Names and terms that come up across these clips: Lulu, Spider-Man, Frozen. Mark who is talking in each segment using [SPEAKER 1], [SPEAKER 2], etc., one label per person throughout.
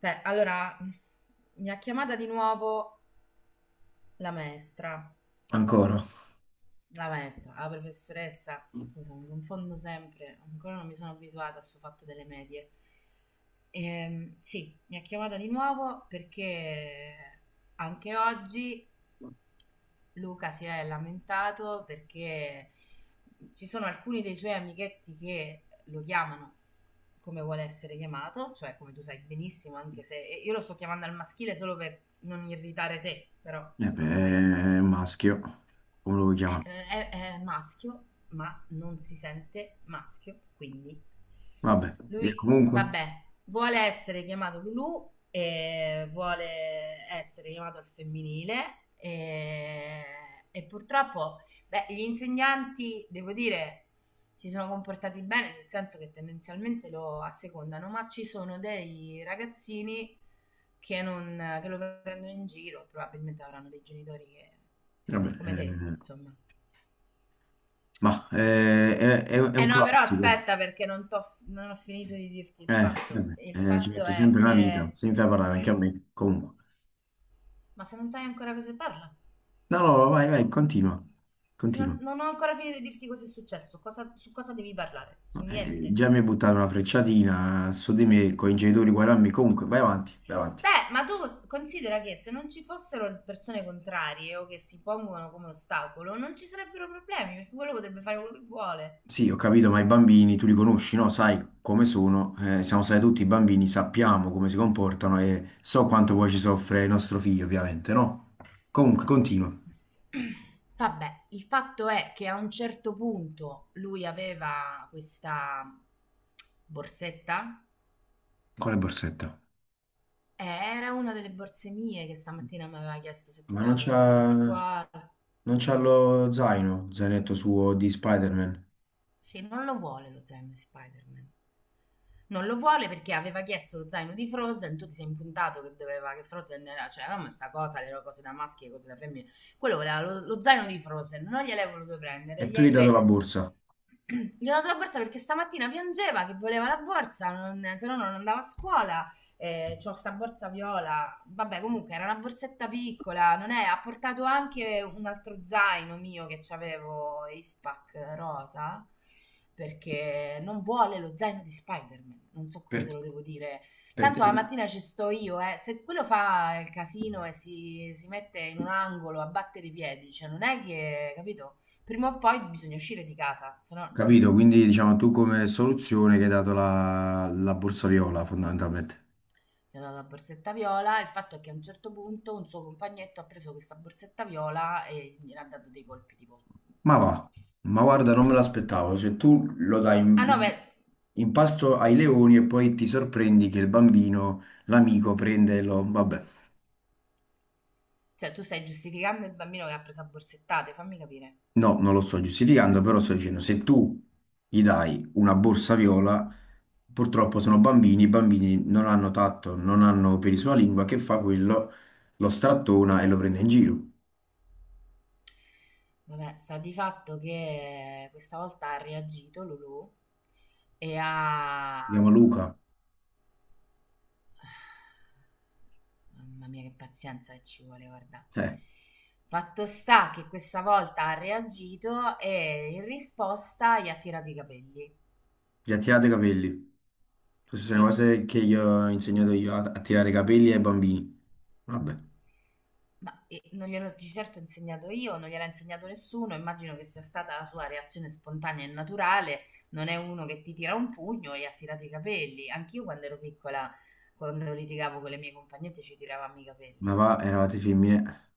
[SPEAKER 1] Beh, allora mi ha chiamata di nuovo la maestra,
[SPEAKER 2] Ancora?
[SPEAKER 1] la maestra, la professoressa, scusa, mi confondo sempre, ancora non mi sono abituata a questo fatto delle medie. Sì, mi ha chiamata di nuovo perché anche oggi Luca si è lamentato perché ci sono alcuni dei suoi amichetti che lo chiamano come vuole essere chiamato, cioè come tu sai benissimo, anche se e io lo sto chiamando al maschile solo per non irritare te, però
[SPEAKER 2] Eh
[SPEAKER 1] insomma lo sai
[SPEAKER 2] beh, è un maschio, come lo vuoi
[SPEAKER 1] è,
[SPEAKER 2] chiamare?
[SPEAKER 1] è maschio, ma non si sente maschio, quindi
[SPEAKER 2] Vabbè,
[SPEAKER 1] lui,
[SPEAKER 2] comunque,
[SPEAKER 1] vabbè, vuole essere chiamato Lulu e vuole essere chiamato al femminile e purtroppo, beh, gli insegnanti, devo dire, si sono comportati bene, nel senso che tendenzialmente lo assecondano, ma ci sono dei ragazzini che, non, che lo prendono in giro, probabilmente avranno dei genitori che,
[SPEAKER 2] vabbè,
[SPEAKER 1] come te, insomma,
[SPEAKER 2] ma è, è
[SPEAKER 1] eh
[SPEAKER 2] un
[SPEAKER 1] no, però
[SPEAKER 2] classico.
[SPEAKER 1] aspetta perché non ho finito di dirti il
[SPEAKER 2] Eh,
[SPEAKER 1] fatto.
[SPEAKER 2] vabbè,
[SPEAKER 1] Il
[SPEAKER 2] ci
[SPEAKER 1] fatto
[SPEAKER 2] metti
[SPEAKER 1] è
[SPEAKER 2] sempre una vita,
[SPEAKER 1] che...
[SPEAKER 2] se mi fai parlare anche a me, comunque.
[SPEAKER 1] Ma se non sai ancora cosa si parla?
[SPEAKER 2] No, no, no, vai, vai, continua,
[SPEAKER 1] Se Non
[SPEAKER 2] continua.
[SPEAKER 1] non ho ancora finito di dirti cosa è successo, su cosa devi parlare, su
[SPEAKER 2] No,
[SPEAKER 1] niente.
[SPEAKER 2] già mi hai buttato una frecciatina su di me, con i genitori uguali a me, comunque, vai avanti, vai avanti.
[SPEAKER 1] Beh, ma tu considera che se non ci fossero persone contrarie o che si pongono come ostacolo, non ci sarebbero problemi, perché quello potrebbe fare quello che vuole.
[SPEAKER 2] Sì, ho capito, ma i bambini tu li conosci, no? Sai come sono, siamo stati tutti bambini, sappiamo come si comportano e so quanto poi ci soffre il nostro figlio, ovviamente, no? Comunque, continua
[SPEAKER 1] Vabbè, il fatto è che a un certo punto lui aveva questa borsetta.
[SPEAKER 2] con le borsette.
[SPEAKER 1] Era una delle borse mie che stamattina mi aveva chiesto se
[SPEAKER 2] Ma
[SPEAKER 1] poteva portarla a scuola.
[SPEAKER 2] non c'ha lo zaino, zainetto suo di Spider-Man.
[SPEAKER 1] Sì, non lo vuole lo zaino di Spider-Man. Non lo vuole perché aveva chiesto lo zaino di Frozen, tu ti sei impuntato che doveva che Frozen era, cioè, ma sta cosa, le cose da maschi e cose da femmine. Quello voleva lo zaino di Frozen, non gliel'hai voluto prendere,
[SPEAKER 2] E
[SPEAKER 1] gli
[SPEAKER 2] tu gli
[SPEAKER 1] hai
[SPEAKER 2] hai dato la
[SPEAKER 1] preso.
[SPEAKER 2] borsa.
[SPEAKER 1] Gli ho dato la borsa perché stamattina piangeva che voleva la borsa, non- se no non andava a scuola, c'ho sta borsa viola, vabbè comunque era una borsetta piccola, non è, ha portato anche un altro zaino mio che c'avevo, Ispac rosa, perché non vuole lo zaino di Spider-Man, non so
[SPEAKER 2] Per,
[SPEAKER 1] come te lo devo dire.
[SPEAKER 2] per
[SPEAKER 1] Tanto
[SPEAKER 2] te,
[SPEAKER 1] la mattina ci sto io, eh. Se quello fa il casino e si mette in un angolo a battere i piedi, cioè non è che, capito? Prima o poi bisogna uscire di casa, se no...
[SPEAKER 2] capito? Quindi, diciamo, tu come soluzione che hai dato la borsa viola, fondamentalmente.
[SPEAKER 1] gli ho dato la borsetta viola. Il fatto è che a un certo punto un suo compagnetto ha preso questa borsetta viola e gli ha dato dei colpi tipo...
[SPEAKER 2] Ma
[SPEAKER 1] ma-
[SPEAKER 2] va, ma guarda, non me l'aspettavo. Cioè, tu lo dai
[SPEAKER 1] ah no, beh,
[SPEAKER 2] in pasto ai leoni e poi ti sorprendi che il bambino, l'amico, prende e lo... Vabbè,
[SPEAKER 1] cioè tu stai giustificando il bambino che ha preso a borsettate, fammi capire.
[SPEAKER 2] no, non lo sto giustificando, però sto dicendo, se tu gli dai una borsa viola, purtroppo sono bambini, i bambini non hanno tatto, non hanno peli sulla lingua, che fa quello, lo strattona e lo prende in giro.
[SPEAKER 1] Vabbè, sta di fatto che questa volta ha reagito Lulu e
[SPEAKER 2] Si chiama
[SPEAKER 1] ha...
[SPEAKER 2] Luca.
[SPEAKER 1] Mamma mia, che pazienza che ci vuole, guarda.
[SPEAKER 2] Eh.
[SPEAKER 1] Fatto sta che questa volta ha reagito e in risposta gli ha tirato i capelli.
[SPEAKER 2] Ti ha tirato i capelli. Queste sono le
[SPEAKER 1] Sì,
[SPEAKER 2] cose che gli ho insegnato io a tirare i capelli ai bambini. Vabbè,
[SPEAKER 1] ma non gliel'ho di certo insegnato io, non gliel'ha insegnato nessuno, immagino che sia stata la sua reazione spontanea e naturale, non è uno che ti tira un pugno e ha tirato i capelli. Anch'io quando ero piccola, quando litigavo con le mie compagnette, ci tiravamo i
[SPEAKER 2] ma
[SPEAKER 1] capelli.
[SPEAKER 2] va, eravate femmine.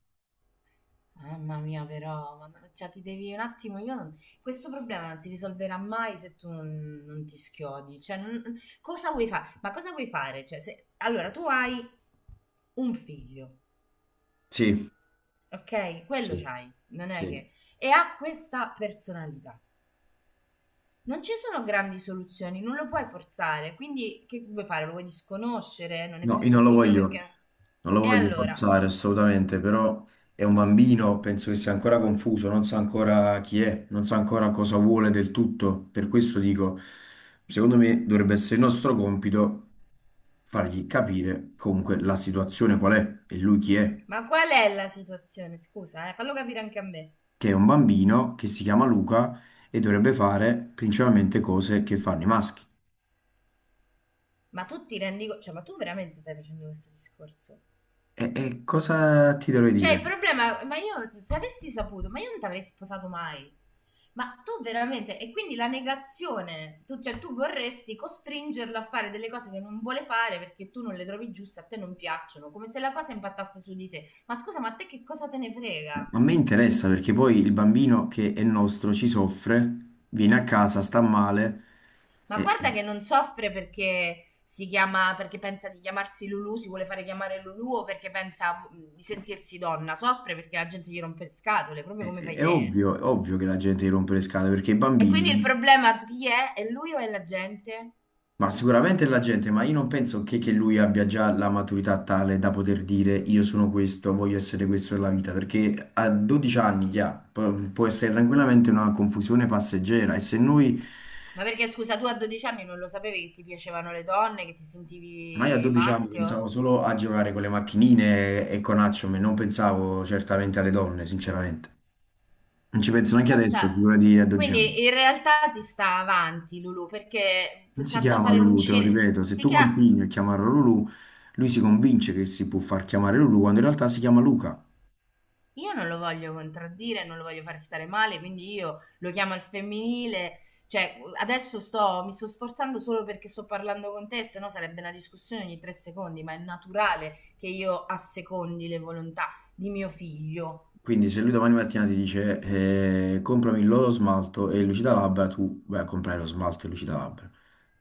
[SPEAKER 1] Mamma mia, però, ma no- cioè, ti devi un attimo, io non... questo problema non si risolverà mai se tu non ti schiodi. Cioè, non- cosa vuoi fare? Ma cosa vuoi fare? Cioè, se... Allora, tu hai un figlio.
[SPEAKER 2] Sì,
[SPEAKER 1] Okay? Quello
[SPEAKER 2] sì,
[SPEAKER 1] c'hai, non è
[SPEAKER 2] sì.
[SPEAKER 1] che e ha questa personalità. Non ci sono grandi soluzioni, non lo puoi forzare, quindi che vuoi fare? Lo vuoi disconoscere? Non è
[SPEAKER 2] No,
[SPEAKER 1] più
[SPEAKER 2] io
[SPEAKER 1] tuo
[SPEAKER 2] non lo
[SPEAKER 1] figlio
[SPEAKER 2] voglio,
[SPEAKER 1] perché
[SPEAKER 2] non lo
[SPEAKER 1] e
[SPEAKER 2] voglio
[SPEAKER 1] allora,
[SPEAKER 2] forzare assolutamente, però è un bambino, penso che sia ancora confuso, non sa ancora chi è, non sa ancora cosa vuole del tutto. Per questo dico, secondo me dovrebbe essere il nostro compito fargli capire comunque la situazione qual è e lui chi è.
[SPEAKER 1] ma qual è la situazione? Scusa, fallo capire anche a me.
[SPEAKER 2] Che è un bambino che si chiama Luca e dovrebbe fare principalmente cose che fanno i maschi.
[SPEAKER 1] Ma tu ti rendi co cioè, ma tu veramente stai facendo questo discorso?
[SPEAKER 2] E cosa ti dovrei
[SPEAKER 1] Cioè,
[SPEAKER 2] dire?
[SPEAKER 1] il problema, ma io se avessi saputo, ma io non ti avrei sposato mai. Ma tu veramente, e quindi la negazione, tu, cioè tu vorresti costringerlo a fare delle cose che non vuole fare perché tu non le trovi giuste, a te non piacciono, come se la cosa impattasse su di te. Ma scusa, ma a te che cosa te ne
[SPEAKER 2] A
[SPEAKER 1] frega?
[SPEAKER 2] me interessa perché poi il bambino che è nostro ci soffre, viene a casa, sta male.
[SPEAKER 1] Ma
[SPEAKER 2] e-
[SPEAKER 1] guarda che non soffre perché si chiama, perché pensa di chiamarsi Lulu, si vuole fare chiamare Lulu o perché pensa di sentirsi donna, soffre perché la gente gli rompe le scatole, proprio come fai
[SPEAKER 2] È
[SPEAKER 1] te.
[SPEAKER 2] ovvio, è ovvio che la gente gli rompe le scatole perché i
[SPEAKER 1] E quindi il
[SPEAKER 2] bambini...
[SPEAKER 1] problema chi è? È lui o è la gente?
[SPEAKER 2] Ma sicuramente la gente, ma io non penso che lui abbia già la maturità tale da poter dire io sono questo, voglio essere questo nella vita, perché a 12 anni che ha, può essere tranquillamente una confusione passeggera e se noi,
[SPEAKER 1] Ma perché scusa, tu a 12 anni non lo sapevi che ti piacevano le donne, che ti
[SPEAKER 2] ma io a
[SPEAKER 1] sentivi
[SPEAKER 2] 12 anni pensavo
[SPEAKER 1] maschio?
[SPEAKER 2] solo a giocare con le macchinine e con Action, non pensavo certamente alle donne, sinceramente. Non ci penso
[SPEAKER 1] Ma
[SPEAKER 2] neanche adesso,
[SPEAKER 1] pensa,
[SPEAKER 2] figurati a 12 anni.
[SPEAKER 1] quindi in realtà ti sta avanti Lulu perché
[SPEAKER 2] Non si
[SPEAKER 1] sa già
[SPEAKER 2] chiama
[SPEAKER 1] fare
[SPEAKER 2] Lulu, te lo
[SPEAKER 1] l'uncine.
[SPEAKER 2] ripeto, se
[SPEAKER 1] Si
[SPEAKER 2] tu
[SPEAKER 1] chiama
[SPEAKER 2] continui a chiamarlo Lulu, lui si convince che si può far chiamare Lulu quando in realtà si chiama Luca.
[SPEAKER 1] io non lo voglio contraddire, non lo voglio far stare male, quindi io lo chiamo al femminile. Cioè, adesso sto, mi sto sforzando solo perché sto parlando con te, se no sarebbe una discussione ogni 3 secondi, ma è naturale che io assecondi le volontà di mio figlio.
[SPEAKER 2] Quindi se lui domani mattina ti dice comprami lo smalto e il lucida labbra, tu vai a comprare lo smalto e il lucida labbra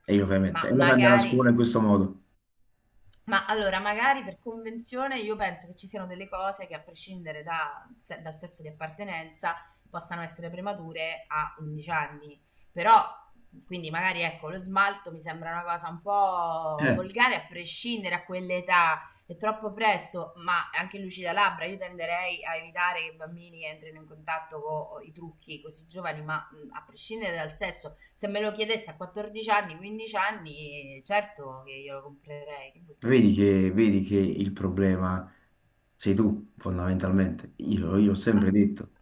[SPEAKER 2] e glielo fai
[SPEAKER 1] Ma
[SPEAKER 2] mettere. E lo fai andare a
[SPEAKER 1] magari
[SPEAKER 2] scuola in questo modo.
[SPEAKER 1] ma allora, magari per convenzione io penso che ci siano delle cose che a prescindere dal sesso di appartenenza possano essere premature a 11 anni. Però, quindi magari ecco, lo smalto mi sembra una cosa un po'
[SPEAKER 2] Eh,
[SPEAKER 1] volgare a prescindere a quell'età, è troppo presto, ma anche lucida labbra, io tenderei a evitare che i bambini entrino in contatto con i trucchi così giovani, ma a prescindere dal sesso, se me lo chiedesse a 14 anni, 15 anni, certo che io lo comprerei, che vuol dire?
[SPEAKER 2] vedi che il problema sei tu, fondamentalmente. Io ho
[SPEAKER 1] Ma
[SPEAKER 2] sempre detto,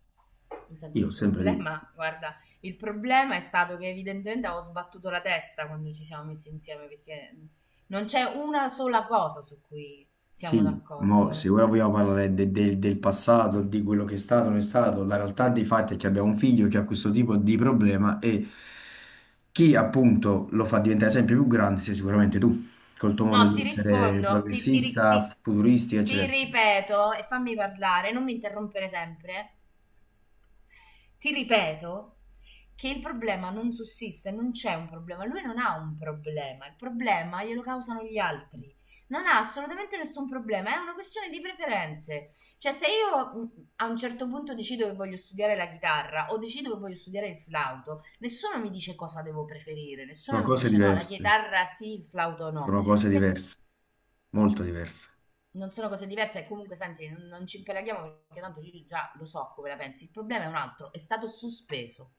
[SPEAKER 1] mi sente
[SPEAKER 2] io ho
[SPEAKER 1] il
[SPEAKER 2] sempre detto.
[SPEAKER 1] problema, guarda, il problema è stato che evidentemente avevo sbattuto la testa quando ci siamo messi insieme, perché non c'è una sola cosa su cui siamo
[SPEAKER 2] Sì, mo, se
[SPEAKER 1] d'accordo.
[SPEAKER 2] ora vogliamo parlare del passato, di quello che è stato, non è stato, la realtà dei fatti è che abbiamo un figlio che ha questo tipo di problema e chi appunto lo fa diventare sempre più grande sei sicuramente tu, col tuo modo
[SPEAKER 1] No,
[SPEAKER 2] di
[SPEAKER 1] ti
[SPEAKER 2] essere
[SPEAKER 1] rispondo, ti, ti ri-
[SPEAKER 2] progressista,
[SPEAKER 1] ti-
[SPEAKER 2] futuristi,
[SPEAKER 1] ti
[SPEAKER 2] eccetera, eccetera.
[SPEAKER 1] ripeto e fammi parlare, non mi interrompere sempre. Ti ripeto che il problema non sussiste, non c'è un problema. Lui non ha un problema, il problema glielo causano gli altri. Non ha assolutamente nessun problema, è una questione di preferenze. Cioè, se io a un certo punto decido che voglio studiare la chitarra o decido che voglio studiare il flauto, nessuno mi dice cosa devo preferire,
[SPEAKER 2] Sono
[SPEAKER 1] nessuno mi
[SPEAKER 2] cose
[SPEAKER 1] dice no, la
[SPEAKER 2] diverse,
[SPEAKER 1] chitarra sì, il flauto no.
[SPEAKER 2] sono cose
[SPEAKER 1] Se
[SPEAKER 2] diverse, molto diverse.
[SPEAKER 1] non sono cose diverse e comunque senti, non ci impelaghiamo perché tanto io già lo so come la pensi. Il problema è un altro, è stato sospeso.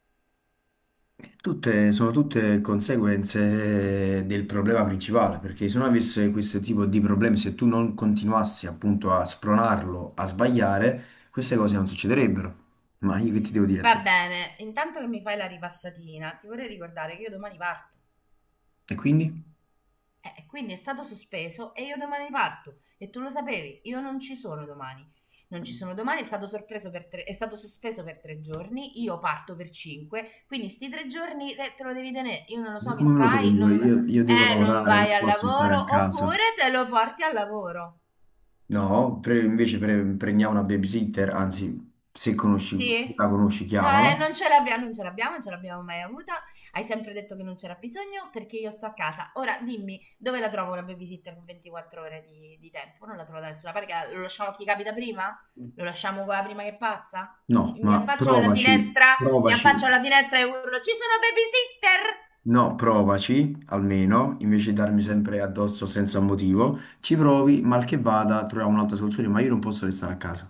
[SPEAKER 2] Tutte, sono tutte conseguenze del problema principale, perché se non avesse questo tipo di problemi, se tu non continuassi appunto a spronarlo, a sbagliare, queste cose non succederebbero. Ma io che ti devo dire a
[SPEAKER 1] Va
[SPEAKER 2] te?
[SPEAKER 1] bene, intanto che mi fai la ripassatina, ti vorrei ricordare che io domani parto.
[SPEAKER 2] E quindi?
[SPEAKER 1] Quindi è stato sospeso e io domani parto. E tu lo sapevi, io non ci sono domani. Non ci sono domani, è stato sospeso per 3 giorni, io parto per cinque, quindi sti 3 giorni te lo devi tenere. Io non lo
[SPEAKER 2] Ma
[SPEAKER 1] so che
[SPEAKER 2] come me lo
[SPEAKER 1] fai,
[SPEAKER 2] tengo?
[SPEAKER 1] non,
[SPEAKER 2] Io devo
[SPEAKER 1] non
[SPEAKER 2] lavorare,
[SPEAKER 1] vai
[SPEAKER 2] non
[SPEAKER 1] al
[SPEAKER 2] posso stare a
[SPEAKER 1] lavoro
[SPEAKER 2] casa.
[SPEAKER 1] oppure te lo porti al lavoro.
[SPEAKER 2] No, prendiamo una babysitter, anzi, se la
[SPEAKER 1] Sì?
[SPEAKER 2] conosci,
[SPEAKER 1] No,
[SPEAKER 2] chiamala.
[SPEAKER 1] non ce l'abbiamo mai avuta. Hai sempre detto che non c'era bisogno perché io sto a casa. Ora dimmi, dove la trovo la babysitter con 24 ore di tempo? Non la trovo da nessuna parte. Che lo lasciamo a chi capita prima? Lo lasciamo qua prima che passa?
[SPEAKER 2] No,
[SPEAKER 1] Mi
[SPEAKER 2] ma
[SPEAKER 1] affaccio alla
[SPEAKER 2] provaci,
[SPEAKER 1] finestra, mi
[SPEAKER 2] provaci.
[SPEAKER 1] affaccio alla finestra e urlo, ci sono babysitter!
[SPEAKER 2] No, provaci almeno, invece di darmi sempre addosso senza motivo, ci provi, mal che vada, troviamo un'altra soluzione, ma io non posso restare a casa,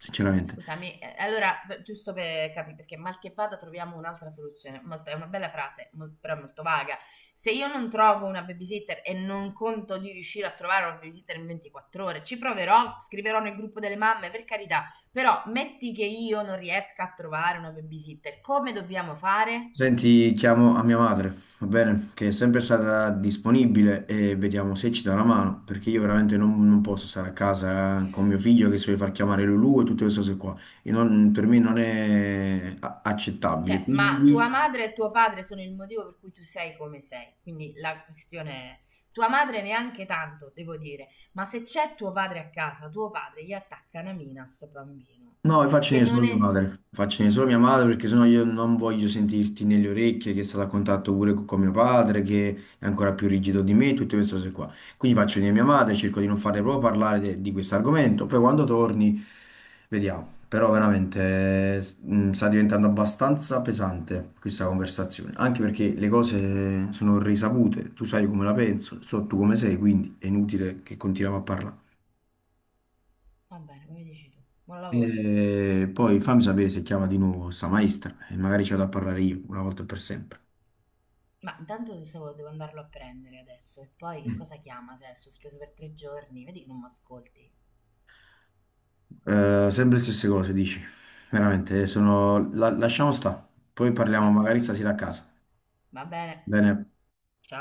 [SPEAKER 2] sinceramente.
[SPEAKER 1] Scusami, allora, b- giusto per capire, perché mal che vada troviamo un'altra soluzione. Molto- è una bella frase, mol- però è molto vaga. Se io non trovo una babysitter e non conto di riuscire a trovare una babysitter in 24 ore, ci proverò, scriverò nel gruppo delle mamme, per carità. Però metti che io non riesca a trovare una babysitter, come dobbiamo fare?
[SPEAKER 2] Senti, chiamo a mia madre, va bene? Che è sempre stata disponibile e vediamo se ci dà una mano, perché io veramente non posso stare a casa con mio figlio che si vuole far chiamare Lulu e tutte queste cose qua. E per me non è accettabile,
[SPEAKER 1] Cioè, ma tua
[SPEAKER 2] quindi
[SPEAKER 1] madre e tuo padre sono il motivo per cui tu sei come sei. Quindi la questione è, tua madre neanche tanto, devo dire, ma se c'è tuo padre a casa, tuo padre gli attacca una mina a sto bambino,
[SPEAKER 2] no, faccio
[SPEAKER 1] che
[SPEAKER 2] venire solo
[SPEAKER 1] non
[SPEAKER 2] mia
[SPEAKER 1] è...
[SPEAKER 2] madre, faccio venire solo mia madre perché sennò io non voglio sentirti nelle orecchie che è stato a contatto pure con mio padre, che è ancora più rigido di me, tutte queste cose qua. Quindi faccio venire mia madre, cerco di non farle proprio parlare di questo argomento, poi quando torni vediamo. Però veramente sta diventando abbastanza pesante questa conversazione, anche perché le cose sono risapute, tu sai come la penso, so tu come sei, quindi è inutile che continuiamo a parlare.
[SPEAKER 1] Va bene, come dici tu, buon lavoro.
[SPEAKER 2] E poi fammi sapere se chiama di nuovo sta maestra e magari ci vado a parlare io una volta e per sempre.
[SPEAKER 1] Ma intanto devo andarlo a prendere adesso e poi che cosa chiama se è sospeso per 3 giorni? Vedi che non mi ascolti.
[SPEAKER 2] Sempre le stesse cose, dici. Veramente, sono... lasciamo sta. Poi parliamo
[SPEAKER 1] Vabbè,
[SPEAKER 2] magari stasera a casa.
[SPEAKER 1] va bene.
[SPEAKER 2] Bene.
[SPEAKER 1] Ciao.